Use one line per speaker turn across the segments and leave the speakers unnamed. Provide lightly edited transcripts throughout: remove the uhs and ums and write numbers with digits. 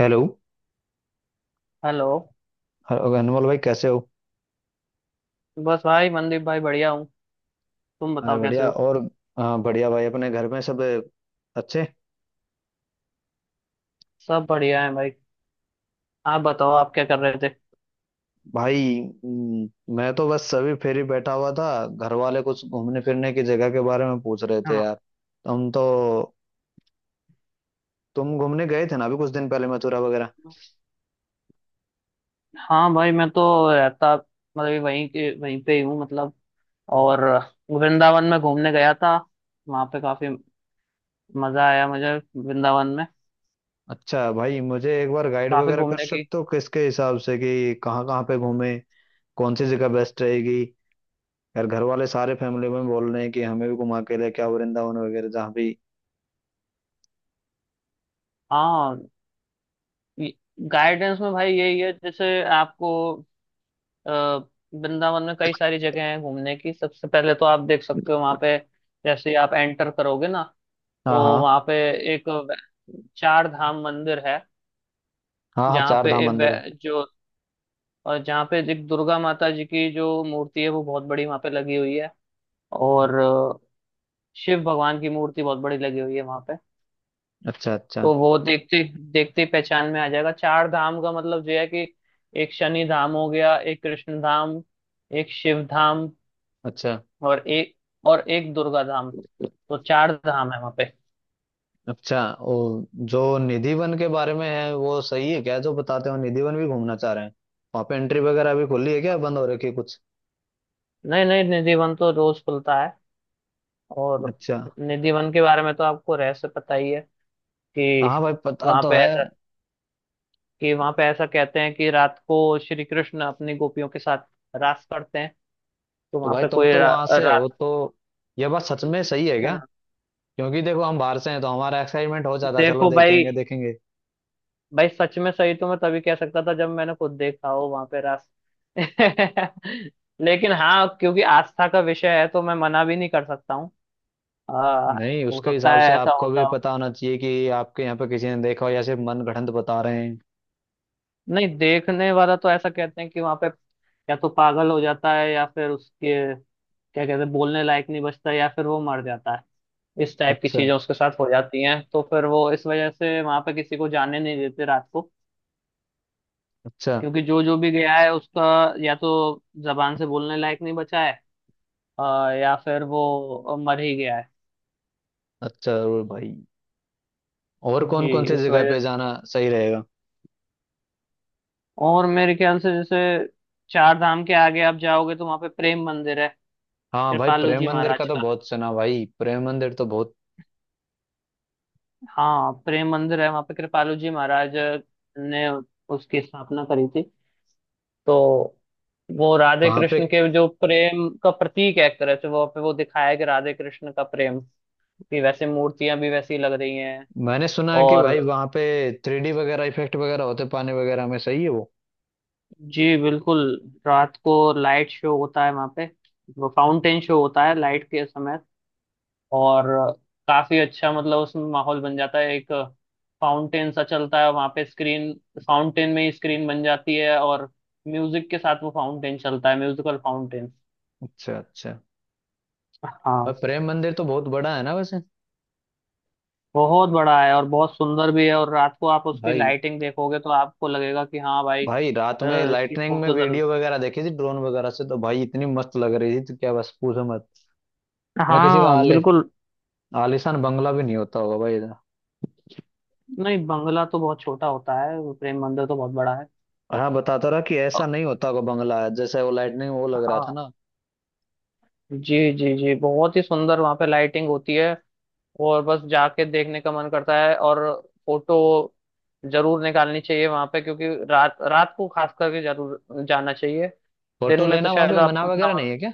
Hello.
Hello.
Hello, Anmol भाई, कैसे हो?
बस भाई मनदीप भाई बढ़िया हूँ। तुम
अरे
बताओ कैसे
बढ़िया।
हो।
और हाँ, बढ़िया भाई। अपने घर में सब अच्छे?
सब बढ़िया है भाई। आप बताओ आप क्या कर रहे थे।
भाई, मैं तो बस अभी फिर ही बैठा हुआ था। घर वाले कुछ घूमने फिरने की जगह के बारे में पूछ रहे थे,
हाँ।
यार। तुम तो तुम घूमने गए थे ना, अभी कुछ दिन पहले मथुरा वगैरह?
हाँ भाई मैं तो रहता मतलब ये वहीं के वहीं पे ही हूँ मतलब। और वृंदावन में घूमने गया था। वहाँ पे काफी मजा आया मुझे वृंदावन में।
अच्छा भाई, मुझे एक बार गाइड
काफी
वगैरह कर
घूमने की।
सकते हो, किसके हिसाब से कि कहाँ कहाँ पे घूमे, कौन सी जगह बेस्ट रहेगी? यार, घर वाले सारे फैमिली में बोल रहे हैं कि हमें भी घुमा के लेके आओ वृंदावन वगैरह, जहाँ भी।
हाँ गाइडेंस में भाई यही है जैसे आपको अ, वृंदावन में कई सारी जगह हैं घूमने की। सबसे पहले तो आप देख सकते हो वहाँ पे जैसे ही आप एंटर करोगे ना तो
हाँ, हाँ।
वहाँ पे एक चार धाम मंदिर है।
हाँ, हाँ,
जहाँ
चार
पे
धाम
एक
मंदिर है।
वै- जो और जहाँ पे एक दुर्गा माता जी की जो मूर्ति है वो बहुत बड़ी वहाँ पे लगी हुई है। और शिव भगवान की मूर्ति बहुत बड़ी लगी हुई है वहाँ पे।
अच्छा, अच्छा।
तो वो देखते देखते ही पहचान में आ जाएगा चार धाम का मतलब जो है कि एक शनि धाम हो गया, एक कृष्ण धाम, एक शिव धाम
अच्छा,
और एक दुर्गा धाम। तो चार धाम है वहाँ पे।
अच्छा, ओ। जो निधिवन के बारे में है वो सही है क्या, जो बताते हो? निधिवन भी घूमना चाह रहे हैं। वहां पे एंट्री वगैरह अभी खुली है क्या, बंद हो रखी है कुछ?
नहीं नहीं निधिवन तो रोज खुलता है। और
अच्छा।
निधि वन के बारे में तो आपको रहस्य पता ही है
हाँ
कि
भाई, पता
वहां
तो
पे
है।
ऐसा वहां पे ऐसा कहते हैं कि रात को श्री कृष्ण अपनी गोपियों के साथ रास करते हैं। तो
तो
वहां
भाई,
पे
तुम
कोई
तो वहां से
रात।
हो, तो यह बात सच में सही है क्या?
हाँ।
क्योंकि देखो, हम बाहर से हैं तो हमारा एक्साइटमेंट हो जाता है, चलो
देखो भाई,
देखेंगे देखेंगे।
सच में सही तो मैं तभी कह सकता था जब मैंने खुद देखा हो वहां पे रास लेकिन हाँ क्योंकि आस्था का विषय है तो मैं मना भी नहीं कर सकता हूँ। आ,
नहीं,
हो
उसके
सकता
हिसाब से
है ऐसा
आपको भी
होता।
पता होना चाहिए कि आपके यहाँ पे किसी ने देखा हो, या सिर्फ मनगढ़ंत बता रहे हैं।
नहीं देखने वाला तो ऐसा कहते हैं कि वहां पे या तो पागल हो जाता है या फिर उसके क्या कहते हैं बोलने लायक नहीं बचता या फिर वो मर जाता है। इस टाइप की
अच्छा,
चीजें उसके साथ हो जाती हैं तो फिर वो इस वजह से वहां पे किसी को जाने नहीं देते रात को।
अच्छा।
क्योंकि जो जो भी गया है उसका या तो जबान से बोलने लायक नहीं बचा है, अ, या फिर वो मर ही गया है।
अच्छा, जरूर भाई। और
जी,
कौन कौन से
इस
जगह
वजह
पे
से।
जाना सही रहेगा?
और मेरे ख्याल से जैसे चार धाम के आगे आप जाओगे तो वहां पे प्रेम मंदिर है
हाँ भाई,
कृपालू
प्रेम
जी
मंदिर का
महाराज
तो
का।
बहुत सुना। भाई, प्रेम मंदिर तो बहुत
हाँ प्रेम मंदिर है वहाँ पे कृपालु जी महाराज ने उसकी स्थापना करी थी। तो वो राधे
वहां पे।
कृष्ण के जो प्रेम का प्रतीक है एक तरह से वो पे वो दिखाया है कि राधे कृष्ण का प्रेम, कि वैसे मूर्तियां भी वैसी लग रही हैं।
मैंने सुना है कि
और
भाई वहां पे 3D वगैरह इफेक्ट वगैरह होते पानी वगैरह में, सही है वो?
जी बिल्कुल। रात को लाइट शो होता है वहाँ पे। वो फाउंटेन शो होता है लाइट के समय। और काफी अच्छा मतलब उसमें माहौल बन जाता है एक। फाउंटेन सा चलता है वहां पे, स्क्रीन फाउंटेन में ही स्क्रीन बन जाती है और म्यूजिक के साथ वो फाउंटेन चलता है, म्यूजिकल फाउंटेन।
अच्छा, अच्छा। भाई,
हाँ
प्रेम मंदिर तो बहुत बड़ा है ना वैसे?
बहुत बड़ा है और बहुत सुंदर भी है। और रात को आप उसकी
भाई,
लाइटिंग देखोगे तो आपको लगेगा कि हाँ भाई
भाई, रात में
इसकी
लाइटनिंग में
फोटो जरूर।
वीडियो वगैरह देखी थी ड्रोन वगैरह से, तो भाई इतनी मस्त लग रही थी तो क्या, बस पूछो मत। ना किसी का
हाँ
आले
बिल्कुल।
आलिशान बंगला भी नहीं होता होगा भाई इधर।
नहीं बंगला तो बहुत छोटा होता है, प्रेम मंदिर तो बहुत बड़ा है।
और हाँ, बताता रहा कि
अ,
ऐसा नहीं होता होगा बंगला, जैसे वो लाइटनिंग वो लग रहा था
हाँ
ना।
जी जी जी बहुत ही सुंदर वहाँ पे लाइटिंग होती है। और बस जाके देखने का मन करता है। और फोटो जरूर निकालनी चाहिए वहां पे क्योंकि रात रात को खास करके जरूर जाना चाहिए। दिन
फोटो
में तो
लेना वहां
शायद
पे मना
आपको इतना
वगैरह नहीं है क्या?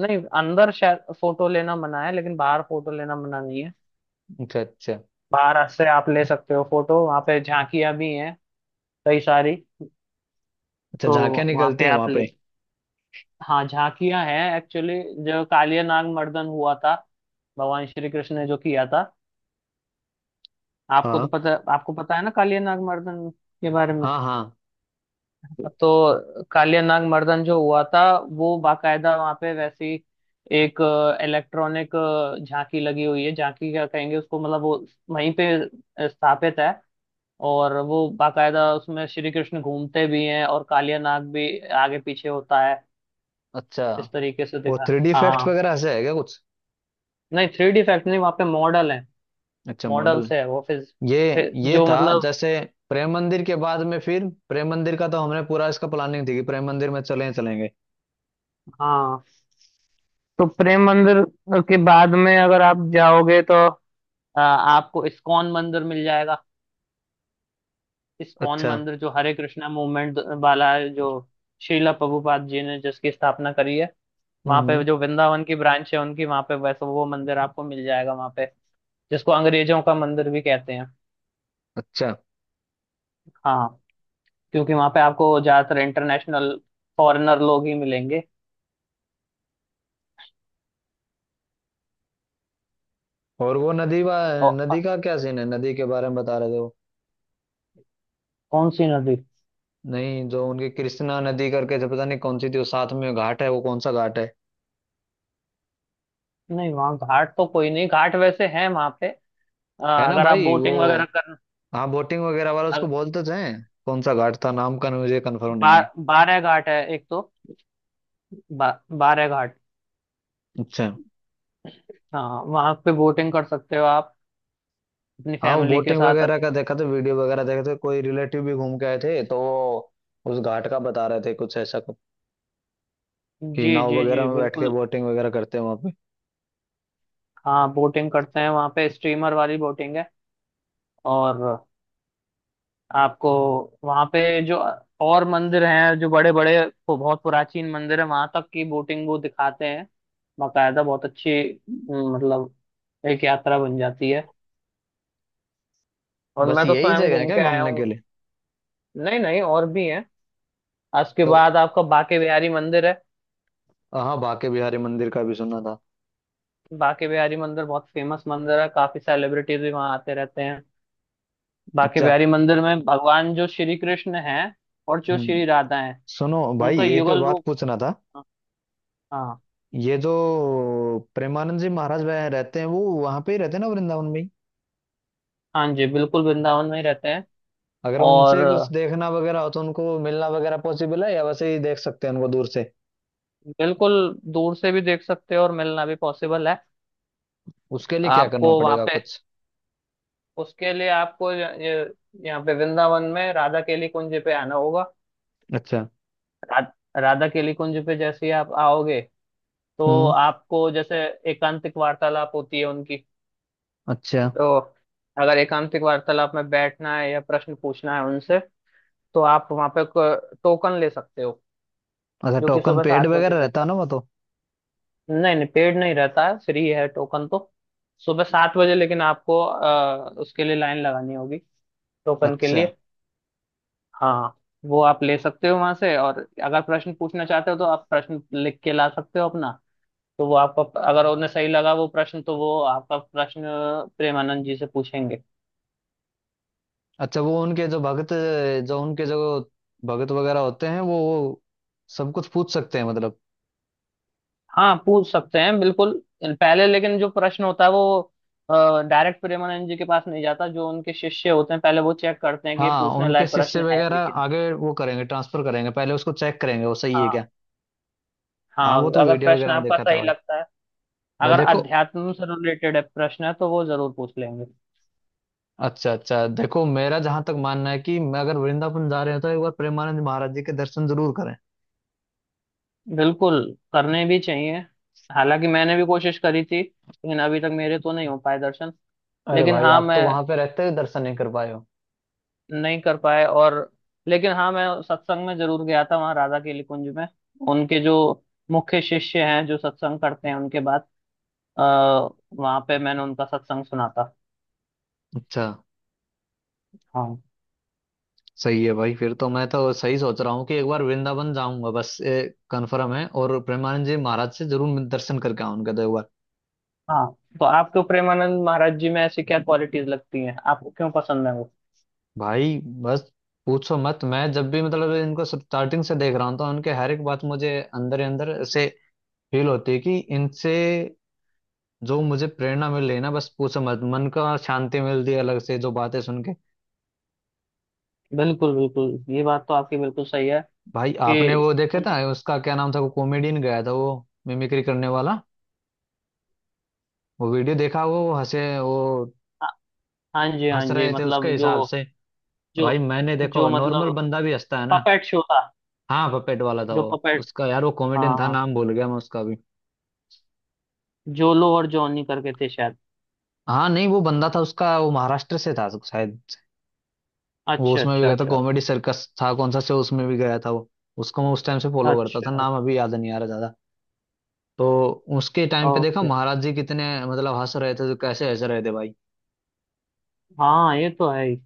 नहीं, अंदर शायद फोटो लेना मना है लेकिन बाहर फोटो लेना मना नहीं है।
अच्छा, अच्छा।
बाहर से आप ले सकते हो फोटो। वहां पे झांकियां भी हैं कई सारी।
अच्छा,
तो
झांकियां
वहां
निकलती
पे
हैं वहां
आप ले,
पे?
हाँ झांकियां हैं एक्चुअली। जो कालिया नाग मर्दन हुआ था भगवान श्री कृष्ण ने जो किया था,
हाँ,
आपको पता है ना कालिया नाग मर्दन के बारे में।
हाँ, हाँ।
तो कालिया नाग मर्दन जो हुआ था वो बाकायदा वहां पे वैसी एक इलेक्ट्रॉनिक झांकी लगी हुई है। झांकी क्या कहेंगे उसको, मतलब वो वहीं पे स्थापित है। और वो बाकायदा उसमें श्री कृष्ण घूमते भी हैं और कालिया नाग भी आगे पीछे होता है।
अच्छा,
इस तरीके से
वो
दिखा।
3D इफेक्ट्स
हाँ,
वगैरह से है क्या कुछ?
नहीं थ्री डी इफेक्ट नहीं, वहाँ पे मॉडल है।
अच्छा,
मॉडल
मॉडल।
से है वो फिर
ये
फिर
ये
जो
था।
मतलब।
जैसे प्रेम मंदिर के बाद में, फिर प्रेम मंदिर का तो हमने पूरा इसका प्लानिंग थी कि प्रेम मंदिर में चले चलेंगे।
हाँ, तो प्रेम मंदिर के बाद में अगर आप जाओगे तो आपको इस्कॉन मंदिर मिल जाएगा। इस्कॉन
अच्छा।
मंदिर जो हरे कृष्णा मूवमेंट वाला है, जो श्रीला प्रभुपाद जी ने जिसकी स्थापना करी है। वहां पे
हम्म।
जो वृंदावन की ब्रांच है उनकी, वहां पे वैसे वो मंदिर आपको मिल जाएगा वहां पे, जिसको अंग्रेजों का मंदिर भी कहते हैं।
अच्छा।
हाँ क्योंकि वहां पे आपको ज्यादातर इंटरनेशनल फॉरेनर लोग ही मिलेंगे।
और वो नदी नदी
और
का क्या सीन है, नदी के बारे में बता रहे थे वो?
कौन सी नदी।
नहीं, जो उनकी कृष्णा नदी करके, जो पता नहीं कौन सी थी, वो साथ में घाट है, वो कौन सा घाट है?
नहीं वहाँ घाट तो कोई नहीं, घाट वैसे है वहां पे, अ,
है ना
अगर आप
भाई, वो?
बोटिंग वगैरह करना।
हाँ, बोटिंग वगैरह वाला, उसको बोल तो जाए। कौन सा घाट था नाम का, मुझे कंफर्म नहीं है।
बारह घाट है एक तो, बा, बारह घाट।
अच्छा।
हाँ वहाँ पे बोटिंग कर सकते हो आप अपनी
हाँ, वो
फैमिली के
बोटिंग
साथ
वगैरह का देखा था, वीडियो वगैरह देखे थे। कोई रिलेटिव भी घूम के आए थे तो वो उस घाट का बता रहे थे, कुछ ऐसा कुछ कि
जी
नाव
जी
वगैरह
जी
में बैठ के
बिल्कुल।
बोटिंग वगैरह करते हैं वहां पे।
हाँ बोटिंग करते हैं वहाँ पे, स्टीमर वाली बोटिंग है। और आपको वहाँ पे जो और मंदिर हैं जो बड़े बड़े बहुत प्राचीन मंदिर है वहाँ तक की बोटिंग वो दिखाते हैं बाकायदा बहुत अच्छी। मतलब एक यात्रा बन जाती है। और
बस
मैं तो
यही
स्वयं
जगह है
घूम
क्या
के आया
घूमने के
हूँ।
लिए?
नहीं नहीं और भी हैं। उसके
तो
बाद आपका बांके बिहारी मंदिर है।
हाँ, बांके बिहारी मंदिर का भी सुना था।
बांके बिहारी मंदिर बहुत फेमस मंदिर है, काफी सेलिब्रिटीज भी वहाँ आते रहते हैं। बांके
अच्छा।
बिहारी मंदिर में भगवान जो श्री कृष्ण हैं और जो
हम्म।
श्री राधा हैं
सुनो भाई,
उनका
एक
युगल
बात
रूप।
पूछना था।
हाँ,
ये जो प्रेमानंद जी महाराज वह रहते हैं, वो वहां पे ही रहते हैं ना, वृंदावन में ही?
हाँ जी बिल्कुल वृंदावन में ही रहते हैं।
अगर
और
उनसे कुछ देखना वगैरह हो तो उनको मिलना वगैरह पॉसिबल है, या वैसे ही देख सकते हैं उनको दूर से?
बिल्कुल दूर से भी देख सकते हो और मिलना भी पॉसिबल है।
उसके लिए क्या करना
आपको वहाँ
पड़ेगा
पे,
कुछ?
उसके लिए आपको ये यहाँ पे वृंदावन में राधा केली कुंज पे आना होगा।
अच्छा।
रा, राधा केली कुंज पे जैसे ही आप आओगे तो
हम्म।
आपको जैसे एकांतिक वार्तालाप होती है उनकी।
अच्छा,
तो अगर एकांतिक वार्तालाप में बैठना है या प्रश्न पूछना है उनसे तो आप वहां पे टोकन ले सकते हो
अच्छा,
जो कि
टोकन
सुबह
पेड
सात बजे
वगैरह रहता है
मिलता
ना वो तो?
है। नहीं नहीं पेड नहीं रहता है, फ्री है टोकन तो। सुबह सात बजे, लेकिन आपको उसके लिए लाइन लगानी होगी टोकन के
अच्छा,
लिए। हाँ हाँ, वो आप ले सकते हो वहां से। और अगर प्रश्न पूछना चाहते हो तो आप प्रश्न लिख के ला सकते हो अपना। तो वो आपको, अगर उन्हें सही लगा वो प्रश्न, तो वो आपका प्रश्न प्रेमानंद जी से पूछेंगे।
अच्छा। वो उनके जो भगत जो उनके जो भगत वगैरह होते हैं, वो सब कुछ पूछ सकते हैं, मतलब?
हाँ पूछ सकते हैं बिल्कुल। पहले लेकिन जो प्रश्न होता है वो डायरेक्ट प्रेमानंद जी के पास नहीं जाता, जो उनके शिष्य होते हैं पहले वो चेक करते हैं कि ये
हाँ,
पूछने
उनके
लायक
शिष्य
प्रश्न है
वगैरह
लेकिन।
आगे वो करेंगे, ट्रांसफर करेंगे, पहले उसको चेक करेंगे, वो सही है
हाँ,
क्या? हाँ,
हाँ
वो तो
अगर
वीडियो
प्रश्न
वगैरह में
आपका
देखा था
सही
भाई।
लगता है,
भाई
अगर
देखो।
अध्यात्म से रिलेटेड है प्रश्न है तो वो जरूर पूछ लेंगे।
अच्छा, अच्छा, देखो, मेरा जहां तक मानना है कि मैं, अगर वृंदावन जा रहे हो तो एक बार प्रेमानंद महाराज जी के दर्शन जरूर करें।
बिल्कुल, करने भी चाहिए। हालांकि मैंने भी कोशिश करी थी लेकिन अभी तक मेरे तो नहीं हो पाए दर्शन।
अरे
लेकिन
भाई,
हाँ
आप तो
मैं,
वहां पे रहते हुए दर्शन नहीं कर पाए हो?
नहीं कर पाए। और लेकिन हाँ मैं सत्संग में जरूर गया था वहाँ राधा केली कुंज में। उनके जो मुख्य शिष्य हैं जो सत्संग करते हैं उनके बाद अः वहां पे मैंने उनका सत्संग सुना था।
अच्छा,
हाँ।
सही है भाई। फिर तो मैं तो सही सोच रहा हूँ कि एक बार वृंदावन जाऊंगा बस, कंफर्म है। और प्रेमानंद जी महाराज से जरूर मैं दर्शन करके आऊंगा, तो एक बार।
हाँ तो आपको प्रेमानंद महाराज जी में ऐसी क्या क्वालिटीज लगती हैं, आपको क्यों पसंद है वो।
भाई, बस पूछो मत। मैं जब भी, मतलब, इनको स्टार्टिंग से देख रहा हूँ तो उनके हर एक बात मुझे अंदर ही अंदर से फील होती है कि इनसे जो मुझे प्रेरणा मिल रही है ना, बस पूछो मत। मन का शांति मिलती है अलग से, जो बातें सुन के।
बिल्कुल बिल्कुल, ये बात तो आपकी बिल्कुल सही है
भाई, आपने
कि
वो देखे
उन।
था, उसका क्या नाम था वो कॉमेडियन, गया था वो मिमिक्री करने वाला, वो वीडियो देखा? वो हंसे, वो
हाँ, हाँ जी हाँ
हंस
जी
रहे थे उसके
मतलब जो,
हिसाब से। भाई,
जो
मैंने देखो,
जो
नॉर्मल
मतलब
बंदा भी हंसता है ना।
पपेट शो था
हाँ, पपेट वाला था
जो
वो।
पपेट।
उसका, यार, वो कॉमेडियन
हाँ
था,
हाँ,
नाम भूल गया मैं उसका भी।
जोलो और जॉनी करके थे शायद।
हाँ। नहीं, वो बंदा था उसका, वो महाराष्ट्र से था शायद। वो
अच्छा
उसमें भी
अच्छा
गया था,
अच्छा।
कॉमेडी सर्कस था कौन सा शो, उसमें भी गया था वो। उसको मैं उस टाइम से फॉलो करता था,
अच्छा
नाम अभी याद नहीं आ रहा ज्यादा। तो उसके टाइम पे देखा
ओके।
महाराज जी कितने, मतलब, हंस रहे थे, तो कैसे हंस रहे थे भाई।
हाँ ये तो है ही।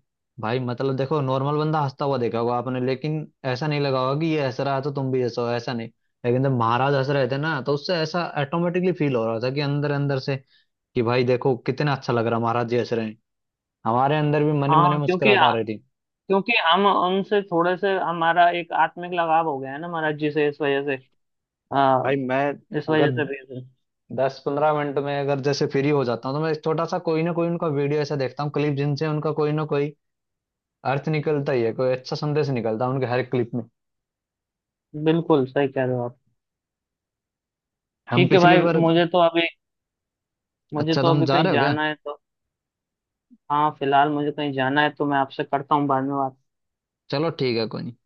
भाई, मतलब देखो, नॉर्मल बंदा हंसता हुआ देखा होगा आपने, लेकिन ऐसा नहीं लगा होगा कि ये हंस रहा है तो तुम भी हंसो, ऐसा नहीं। लेकिन जब महाराज हंस रहे थे ना, तो उससे ऐसा ऑटोमेटिकली फील हो रहा था कि अंदर अंदर से, कि भाई देखो कितना अच्छा लग रहा है, महाराज जी हंस रहे हैं। हमारे अंदर भी मन ही मन में
हाँ क्योंकि
मुस्कुराहट आ रही थी।
क्योंकि हम उनसे थोड़े से हमारा एक आत्मिक लगाव हो गया है ना महाराज जी से, इस वजह से आ,
भाई मैं,
इस वजह
अगर
से भेज रहे
10-15 मिनट में अगर जैसे फ्री हो जाता हूँ, तो मैं छोटा सा कोई ना कोई उनका वीडियो ऐसा देखता हूँ, क्लिप, जिनसे उनका कोई ना कोई अर्थ निकलता ही है, कोई अच्छा संदेश निकलता है उनके हर क्लिप में।
हैं। बिल्कुल सही कह रहे हो आप।
हम
ठीक है
पिछली
भाई,
बार।
मुझे तो अभी मुझे
अच्छा,
तो
तुम
अभी
जा
कहीं
रहे हो क्या?
जाना है तो। हाँ फिलहाल मुझे कहीं जाना है तो मैं आपसे करता हूँ बाद में बात।
चलो ठीक है, कोई नहीं।